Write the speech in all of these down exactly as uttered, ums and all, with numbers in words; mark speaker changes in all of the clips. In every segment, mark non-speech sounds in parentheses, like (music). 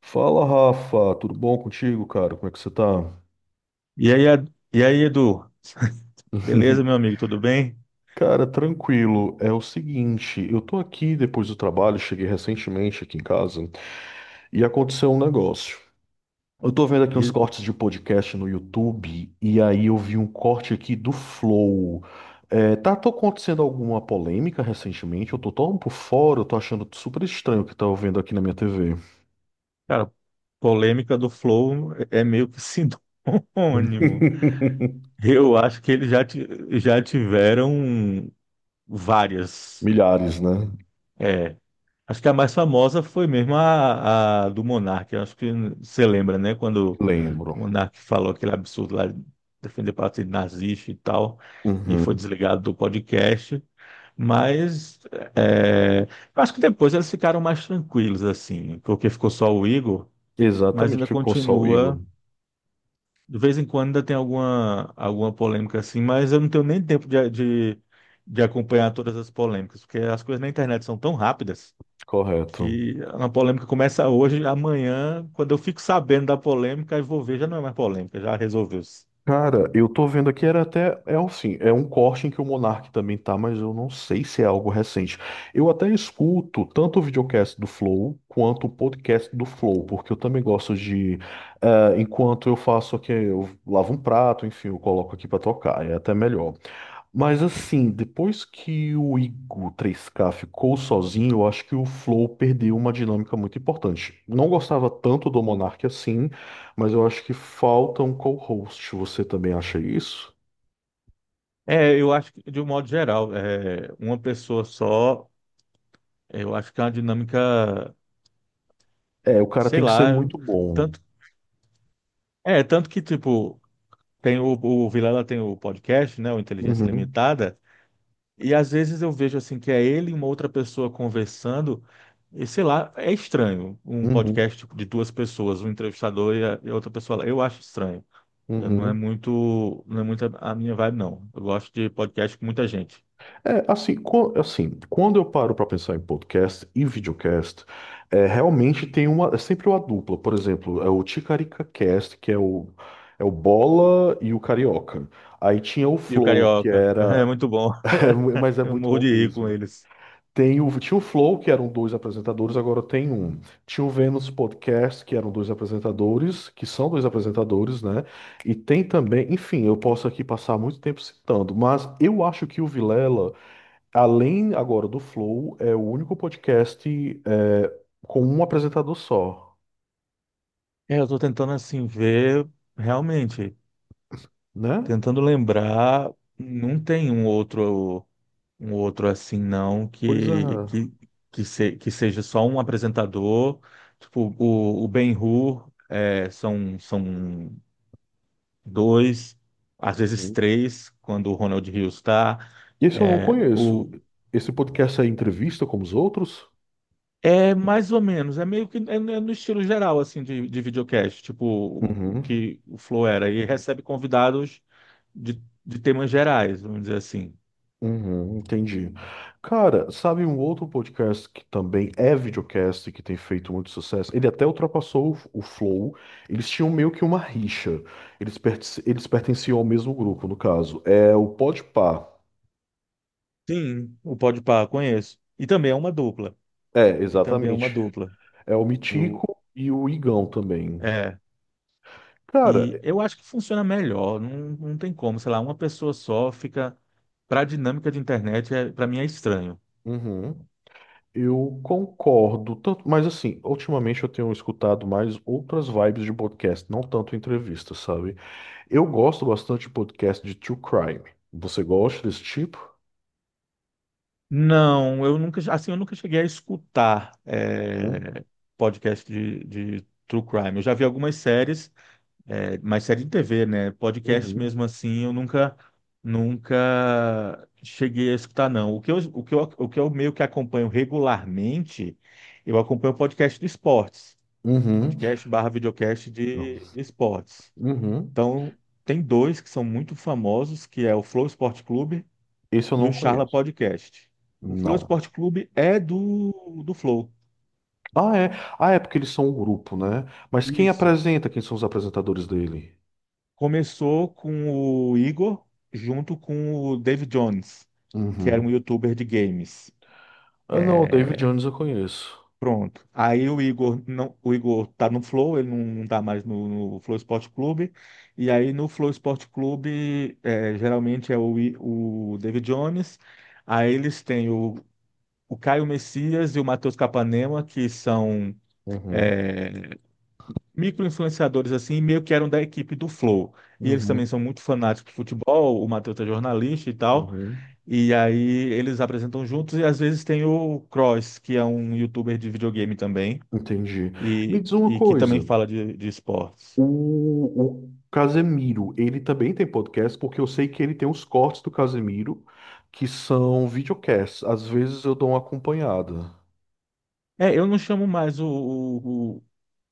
Speaker 1: Fala, Rafa, tudo bom contigo, cara? Como é que você tá?
Speaker 2: E aí, Ed- e aí, Edu? (laughs) Beleza, meu
Speaker 1: (laughs)
Speaker 2: amigo? Tudo bem?
Speaker 1: Cara, tranquilo. É o seguinte, eu tô aqui depois do trabalho, cheguei recentemente aqui em casa e aconteceu um negócio. Eu tô vendo aqui uns
Speaker 2: E,
Speaker 1: cortes de podcast no YouTube e aí eu vi um corte aqui do Flow. É, tá tô acontecendo alguma polêmica recentemente? Eu tô tão por fora, eu tô achando super estranho o que tá vendo aqui na minha T V.
Speaker 2: Cara, polêmica do Flow é é meio que (laughs) sinônimo.
Speaker 1: (laughs)
Speaker 2: Eu acho que eles já, ti- já tiveram várias.
Speaker 1: Milhares, né?
Speaker 2: É, acho que a mais famosa foi mesmo a, a do Monark. Eu acho que você lembra, né? Quando
Speaker 1: Lembro.
Speaker 2: o Monark falou aquele absurdo lá de defender partido nazista e tal, e foi
Speaker 1: Uhum.
Speaker 2: desligado do podcast. Mas é, eu acho que depois eles ficaram mais tranquilos, assim, porque ficou só o Igor, mas
Speaker 1: Exatamente,
Speaker 2: ainda
Speaker 1: ficou só o Igor.
Speaker 2: continua. De vez em quando ainda tem alguma, alguma polêmica assim, mas eu não tenho nem tempo de, de, de acompanhar todas as polêmicas, porque as coisas na internet são tão rápidas
Speaker 1: Correto.
Speaker 2: que uma polêmica começa hoje, amanhã, quando eu fico sabendo da polêmica, eu vou ver, já não é mais polêmica, já resolveu-se.
Speaker 1: Cara, eu tô vendo aqui, era até, é assim, é um corte em que o Monark também tá, mas eu não sei se é algo recente. Eu até escuto tanto o videocast do Flow quanto o podcast do Flow, porque eu também gosto de, eh, enquanto eu faço aqui, eu lavo um prato, enfim, eu coloco aqui pra tocar, é até melhor. Mas assim, depois que o Igo três K ficou sozinho, eu acho que o Flow perdeu uma dinâmica muito importante. Não gostava tanto do Monark assim, mas eu acho que falta um co-host. Você também acha isso?
Speaker 2: É, eu acho que, de um modo geral, é, uma pessoa só, eu acho que é uma dinâmica.
Speaker 1: É, o cara
Speaker 2: Sei
Speaker 1: tem que ser
Speaker 2: lá,
Speaker 1: muito
Speaker 2: eu-
Speaker 1: bom.
Speaker 2: tanto, é, tanto que, tipo, tem o, o Vilela tem o podcast, né, o Inteligência
Speaker 1: Uhum,
Speaker 2: Limitada, e às vezes eu vejo, assim, que é ele e uma outra pessoa conversando, e sei lá, é estranho, um
Speaker 1: uhum,
Speaker 2: podcast tipo, de duas pessoas, um entrevistador e, a, e outra pessoa, lá. Eu acho estranho, eu não é
Speaker 1: uhum.
Speaker 2: muito, não é muito a a minha vibe, não, eu gosto de podcast com muita gente.
Speaker 1: É, assim, co- assim, quando eu paro para pensar em podcast e videocast, é, realmente tem uma, é sempre uma dupla. Por exemplo, é o Ticarica Cast, que é o, é o Bola e o Carioca. Aí tinha o
Speaker 2: E o
Speaker 1: Flow, que
Speaker 2: Carioca, (laughs) é
Speaker 1: era.
Speaker 2: muito bom,
Speaker 1: (laughs) É, mu-
Speaker 2: (laughs)
Speaker 1: mas é
Speaker 2: eu
Speaker 1: muito
Speaker 2: morro
Speaker 1: bom
Speaker 2: de rir com
Speaker 1: mesmo.
Speaker 2: eles.
Speaker 1: Tem o, tinha o Flow, que eram dois apresentadores, agora tem um. Tinha o Vênus Podcast, que eram dois apresentadores, que são dois apresentadores, né? E tem também, enfim, eu posso aqui passar muito tempo citando, mas eu acho que o Vilela. Além agora do Flow, é o único podcast é, com um apresentador só,
Speaker 2: É, eu tô tentando, assim, ver realmente.
Speaker 1: né?
Speaker 2: Tentando lembrar, não tem um outro um outro assim não
Speaker 1: Pois é.
Speaker 2: que que, que, se- que seja só um apresentador, tipo o, o Ben-Hur, é, são são dois, às vezes
Speaker 1: Uhum.
Speaker 2: três, quando o Ronald Rios está,
Speaker 1: Esse eu não
Speaker 2: é,
Speaker 1: conheço.
Speaker 2: o
Speaker 1: Esse podcast é entrevista como os outros?
Speaker 2: é mais ou menos, é meio que é, é no estilo geral assim de, de videocast, tipo o
Speaker 1: Uhum,
Speaker 2: que o Flow era e recebe convidados de, de temas gerais, vamos dizer assim.
Speaker 1: uhum, entendi. Cara, sabe um outro podcast que também é videocast, que tem feito muito sucesso? Ele até ultrapassou o, o Flow. Eles tinham meio que uma rixa. Eles, perten- eles pertenciam ao mesmo grupo, no caso. É o Podpah.
Speaker 2: Sim, o Podpah, conheço. E também é uma dupla.
Speaker 1: É,
Speaker 2: E também é uma
Speaker 1: exatamente.
Speaker 2: dupla.
Speaker 1: É o
Speaker 2: Eu,
Speaker 1: Mitico e o Igão também.
Speaker 2: é.
Speaker 1: Cara,
Speaker 2: E eu acho que funciona melhor. Não, não tem como, sei lá, uma pessoa só fica. Para a dinâmica de internet, é, para mim é estranho.
Speaker 1: uhum, eu concordo tanto, mas assim, ultimamente eu tenho escutado mais outras vibes de podcast, não tanto entrevista, sabe? Eu gosto bastante de podcast de true crime. Você gosta desse tipo?
Speaker 2: Não, eu nunca, assim, eu nunca cheguei a escutar
Speaker 1: Uhum.
Speaker 2: é, podcast de, de true crime. Eu já vi algumas séries, é, mas série de T V, né? Podcast
Speaker 1: Uhum.
Speaker 2: mesmo assim, eu nunca, nunca cheguei a escutar, não. O que eu, o que eu, o que eu meio que acompanho regularmente, eu acompanho o podcast de esportes.
Speaker 1: Uhum.
Speaker 2: Podcast barra videocast
Speaker 1: Não.
Speaker 2: de, de esportes.
Speaker 1: Uhum.
Speaker 2: Então, tem dois que são muito famosos, que é o Flow Esporte Clube
Speaker 1: Esse eu
Speaker 2: e
Speaker 1: não
Speaker 2: o Charla
Speaker 1: conheço.
Speaker 2: Podcast. O Flow
Speaker 1: Não.
Speaker 2: Esporte Clube é do, do Flow.
Speaker 1: Ah, é. Ah, é porque eles são um grupo, né? Mas quem
Speaker 2: Isso.
Speaker 1: apresenta? Quem são os apresentadores dele?
Speaker 2: Começou com o Igor junto com o Dave Jones, que era
Speaker 1: Uhum.
Speaker 2: um youtuber de games.
Speaker 1: Ah, não, o David
Speaker 2: É,
Speaker 1: Jones eu conheço.
Speaker 2: pronto. Aí o Igor não, o Igor tá no Flow, ele não, não tá mais no, no Flow Esporte Clube. E aí no Flow Esporte Clube é, geralmente é o, I- o David Jones. Aí eles têm o, o Caio Messias e o Matheus Capanema, que são
Speaker 1: Uhum.
Speaker 2: é, micro-influenciadores assim, meio que eram da equipe do Flow. E eles também
Speaker 1: Uhum,
Speaker 2: são muito fanáticos de futebol, o Matheus é jornalista e tal.
Speaker 1: uhum.
Speaker 2: E aí eles apresentam juntos e às vezes tem o Cross, que é um youtuber de videogame também,
Speaker 1: Entendi. Me
Speaker 2: e,
Speaker 1: diz uma
Speaker 2: e que também
Speaker 1: coisa,
Speaker 2: fala de, de esportes.
Speaker 1: o, o Casemiro, ele também tem podcast, porque eu sei que ele tem os cortes do Casemiro, que são videocasts. Às vezes eu dou uma acompanhada.
Speaker 2: É, eu não chamo mais o, o,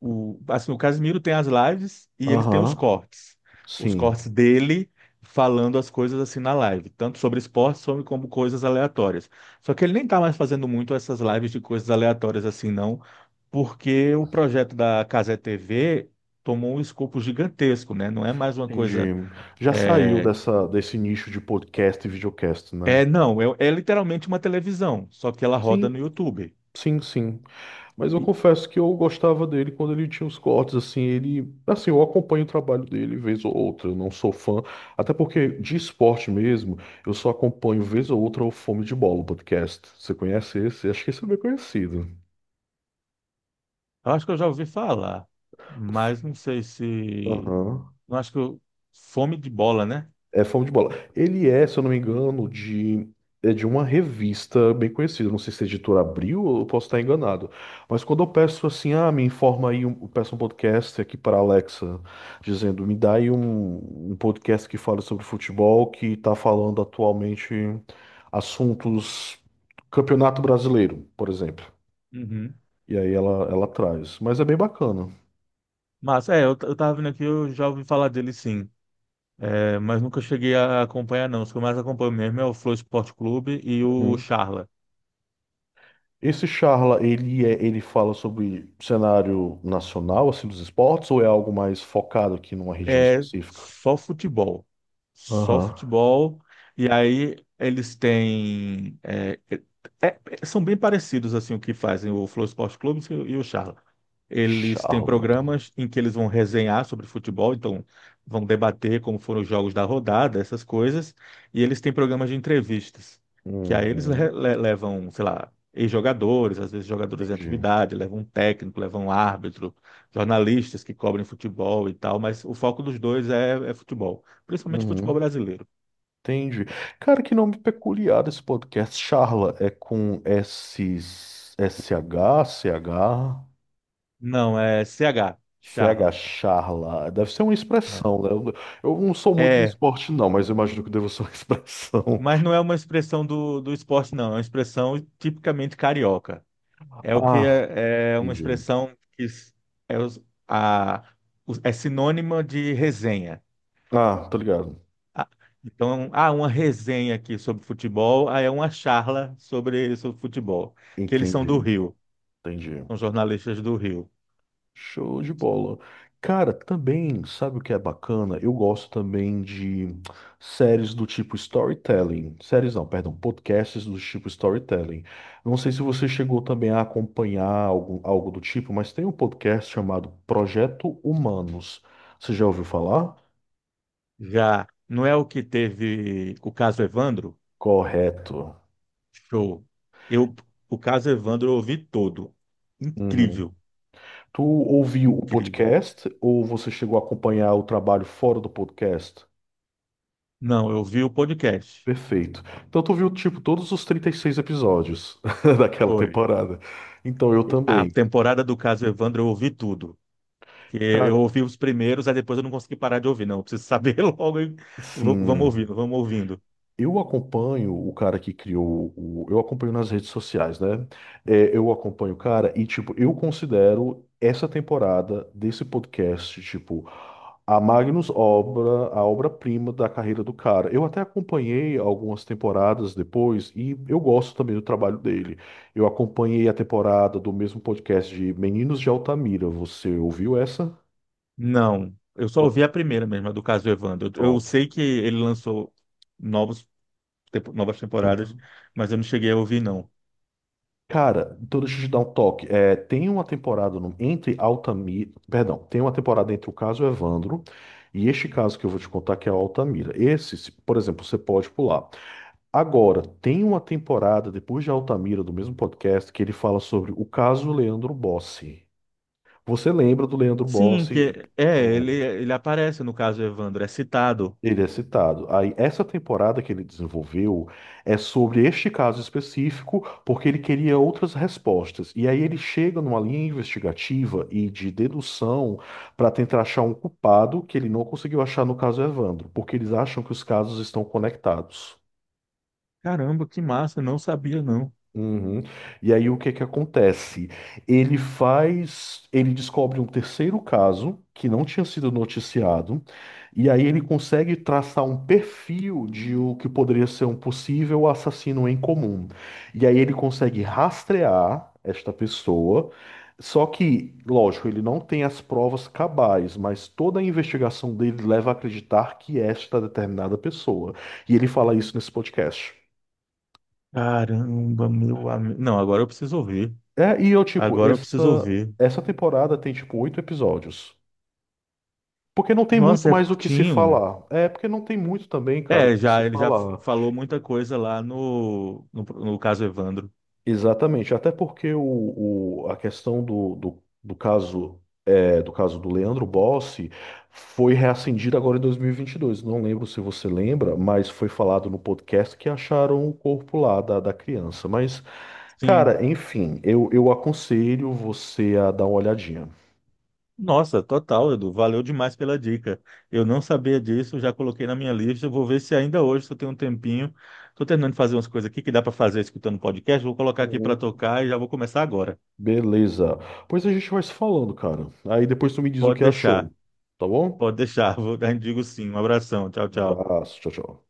Speaker 2: o, o- assim, o Casimiro tem as lives e ele tem os
Speaker 1: Aham,
Speaker 2: cortes. Os
Speaker 1: sim,
Speaker 2: cortes dele falando as coisas assim na live, tanto sobre esportes sobre- como coisas aleatórias. Só que ele nem tá mais fazendo muito essas lives de coisas aleatórias assim, não, porque o projeto da Casé T V tomou um escopo gigantesco, né? Não é mais uma coisa.
Speaker 1: entendi. Já saiu
Speaker 2: É,
Speaker 1: dessa, desse nicho de podcast e videocast, né?
Speaker 2: é não, é, é literalmente uma televisão, só que ela roda
Speaker 1: Sim,
Speaker 2: no YouTube.
Speaker 1: sim, sim. Mas eu confesso que eu gostava dele quando ele tinha os cortes, assim, ele, assim, eu acompanho o trabalho dele vez ou outra, eu não sou fã, até porque de esporte mesmo, eu só acompanho vez ou outra o Fome de Bola, o podcast. Você conhece esse? Acho que esse é bem conhecido.
Speaker 2: Eu acho que eu já ouvi falar, mas não sei se.
Speaker 1: Aham.
Speaker 2: Não acho que eu... Fome de bola, né?
Speaker 1: É Fome de Bola. Ele é, se eu não me engano, de, é de uma revista bem conhecida. Não sei se a editora Abril, eu posso estar enganado. Mas quando eu peço assim, ah, me informa aí, um, eu peço um podcast aqui para a Alexa, dizendo, me dá aí um, um podcast que fala sobre futebol, que está falando atualmente assuntos Campeonato Brasileiro, por exemplo.
Speaker 2: Uhum.
Speaker 1: E aí ela, ela traz. Mas é bem bacana.
Speaker 2: Mas é, eu, t- eu tava vendo aqui, eu já ouvi falar dele sim. É, mas nunca cheguei a acompanhar, não. Os que eu mais acompanho mesmo é o Flow Esporte Clube e o Charla.
Speaker 1: Esse Charla, ele é, ele fala sobre cenário nacional, assim, dos esportes, ou é algo mais focado aqui numa região
Speaker 2: É
Speaker 1: específica?
Speaker 2: só futebol. Só
Speaker 1: Aham.
Speaker 2: futebol. E aí eles têm. É, é- é- são bem parecidos assim o que fazem o Flow Esporte Clube e o e o Charla. Eles têm
Speaker 1: Charla.
Speaker 2: programas em que eles vão resenhar sobre futebol, então vão debater como foram os jogos da rodada, essas coisas. E eles têm programas de entrevistas, que aí eles le-
Speaker 1: Uhum.
Speaker 2: le- levam, sei lá, ex-jogadores, às vezes jogadores em
Speaker 1: Entendi.
Speaker 2: atividade, levam um técnico, levam um árbitro jornalistas que cobrem futebol e tal, mas o foco dos dois é, é futebol, principalmente futebol
Speaker 1: Uhum.
Speaker 2: brasileiro.
Speaker 1: Entendi. Cara, que nome peculiar desse podcast. Charla é com S, SH, C H,
Speaker 2: Não, é C H,
Speaker 1: C H
Speaker 2: charla.
Speaker 1: Charla. Deve ser uma
Speaker 2: É,
Speaker 1: expressão, né? Eu, eu não sou muito no
Speaker 2: É,
Speaker 1: esporte, não, mas eu imagino que deva ser uma (laughs) expressão.
Speaker 2: mas não é uma expressão do, do esporte, não, é uma expressão tipicamente carioca. É o que
Speaker 1: Ah,
Speaker 2: é, é uma
Speaker 1: entendi.
Speaker 2: expressão que s- é, os- a, os- é sinônima de resenha.
Speaker 1: Ah, tô ligado.
Speaker 2: Ah, então, há uma resenha aqui sobre futebol, aí é uma charla sobre, sobre futebol, que eles são do
Speaker 1: Entendi,
Speaker 2: Rio,
Speaker 1: entendi.
Speaker 2: são jornalistas do Rio.
Speaker 1: Show de bola. Cara, também, sabe o que é bacana? Eu gosto também de séries do tipo storytelling. Séries não, perdão, podcasts do tipo storytelling. Não sei se você chegou também a acompanhar algo, algo do tipo, mas tem um podcast chamado Projeto Humanos. Você já ouviu falar?
Speaker 2: Já não é o que teve o caso Evandro?
Speaker 1: Correto.
Speaker 2: Show. Eu, o caso Evandro eu ouvi todo.
Speaker 1: Uhum.
Speaker 2: Incrível,
Speaker 1: Tu ouviu o
Speaker 2: incrível.
Speaker 1: podcast ou você chegou a acompanhar o trabalho fora do podcast?
Speaker 2: Não, eu vi o podcast.
Speaker 1: Perfeito. Então tu viu, tipo, todos os trinta e seis episódios (laughs) daquela
Speaker 2: Foi.
Speaker 1: temporada. Então eu
Speaker 2: A
Speaker 1: também.
Speaker 2: temporada do caso Evandro eu ouvi tudo. Porque
Speaker 1: Cara,
Speaker 2: eu ouvi os primeiros, aí depois eu não consegui parar de ouvir. Não, eu preciso saber (laughs) logo. e v- Vamos
Speaker 1: sim.
Speaker 2: ouvindo, vamos ouvindo.
Speaker 1: Eu acompanho o cara que criou o. Eu acompanho nas redes sociais, né? É, eu acompanho o cara e, tipo, eu considero essa temporada desse podcast, tipo, a Magnus obra, a obra-prima da carreira do cara. Eu até acompanhei algumas temporadas depois e eu gosto também do trabalho dele. Eu acompanhei a temporada do mesmo podcast de Meninos de Altamira. Você ouviu essa?
Speaker 2: Não, eu só ouvi a primeira mesmo, a do caso Evandro. Eu, eu
Speaker 1: Pronto.
Speaker 2: sei que ele lançou novos, tempo- novas temporadas, mas eu não cheguei a ouvir, não.
Speaker 1: Cara, então deixa eu te dar um toque. É, tem uma temporada no- entre Altamira. Perdão, tem uma temporada entre o caso Evandro e este caso que eu vou te contar, que é o Altamira. Esse, se- por exemplo, você pode pular. Agora, tem uma temporada depois de Altamira, do mesmo podcast, que ele fala sobre o caso Leandro Bossi. Você lembra do Leandro
Speaker 2: Sim,
Speaker 1: Bossi?
Speaker 2: que é,
Speaker 1: Então,
Speaker 2: ele, ele aparece no caso Evandro, é citado.
Speaker 1: ele é citado. Aí, essa temporada que ele desenvolveu é sobre este caso específico, porque ele queria outras respostas. E aí ele chega numa linha investigativa e de dedução para tentar achar um culpado que ele não conseguiu achar no caso Evandro, porque eles acham que os casos estão conectados.
Speaker 2: Caramba, que massa, não sabia não.
Speaker 1: Uhum. E aí o que que acontece? Ele faz, ele descobre um terceiro caso que não tinha sido noticiado, e aí ele consegue traçar um perfil de o que poderia ser um possível assassino em comum. E aí ele consegue rastrear esta pessoa, só que, lógico, ele não tem as provas cabais, mas toda a investigação dele leva a acreditar que esta determinada pessoa. E ele fala isso nesse podcast.
Speaker 2: Caramba, meu amigo. Não, agora eu preciso ouvir.
Speaker 1: É, e eu, tipo,
Speaker 2: Agora eu preciso
Speaker 1: essa,
Speaker 2: ouvir.
Speaker 1: essa temporada tem, tipo, oito episódios. Porque não tem muito
Speaker 2: Nossa, é
Speaker 1: mais o que se
Speaker 2: curtinho.
Speaker 1: falar. É, porque não tem muito também, cara, o que
Speaker 2: É,
Speaker 1: se
Speaker 2: já ele já
Speaker 1: falar.
Speaker 2: falou muita coisa lá no, no, no caso Evandro.
Speaker 1: Exatamente. Até porque o, o- a questão do, do, do caso, é, do caso do Leandro Bossi foi reacendida agora em dois mil e e vinte e dois. Não lembro se você lembra, mas foi falado no podcast que acharam o corpo lá da, da criança. Mas,
Speaker 2: Sim.
Speaker 1: cara, enfim, eu, eu aconselho você a dar uma olhadinha.
Speaker 2: Nossa, total, Edu. Valeu demais pela dica. Eu não sabia disso, já coloquei na minha lista. Eu vou ver se ainda hoje, se eu tenho um tempinho. Estou terminando de fazer umas coisas aqui que dá para fazer escutando podcast. Vou colocar aqui para tocar e já vou começar agora.
Speaker 1: Beleza. Pois a gente vai se falando, cara. Aí depois tu me diz o
Speaker 2: Pode
Speaker 1: que achou.
Speaker 2: deixar,
Speaker 1: Tá bom?
Speaker 2: pode deixar. (laughs) Vou, a gente digo sim. Um abração. Tchau,
Speaker 1: Um
Speaker 2: tchau.
Speaker 1: abraço. Tchau, tchau.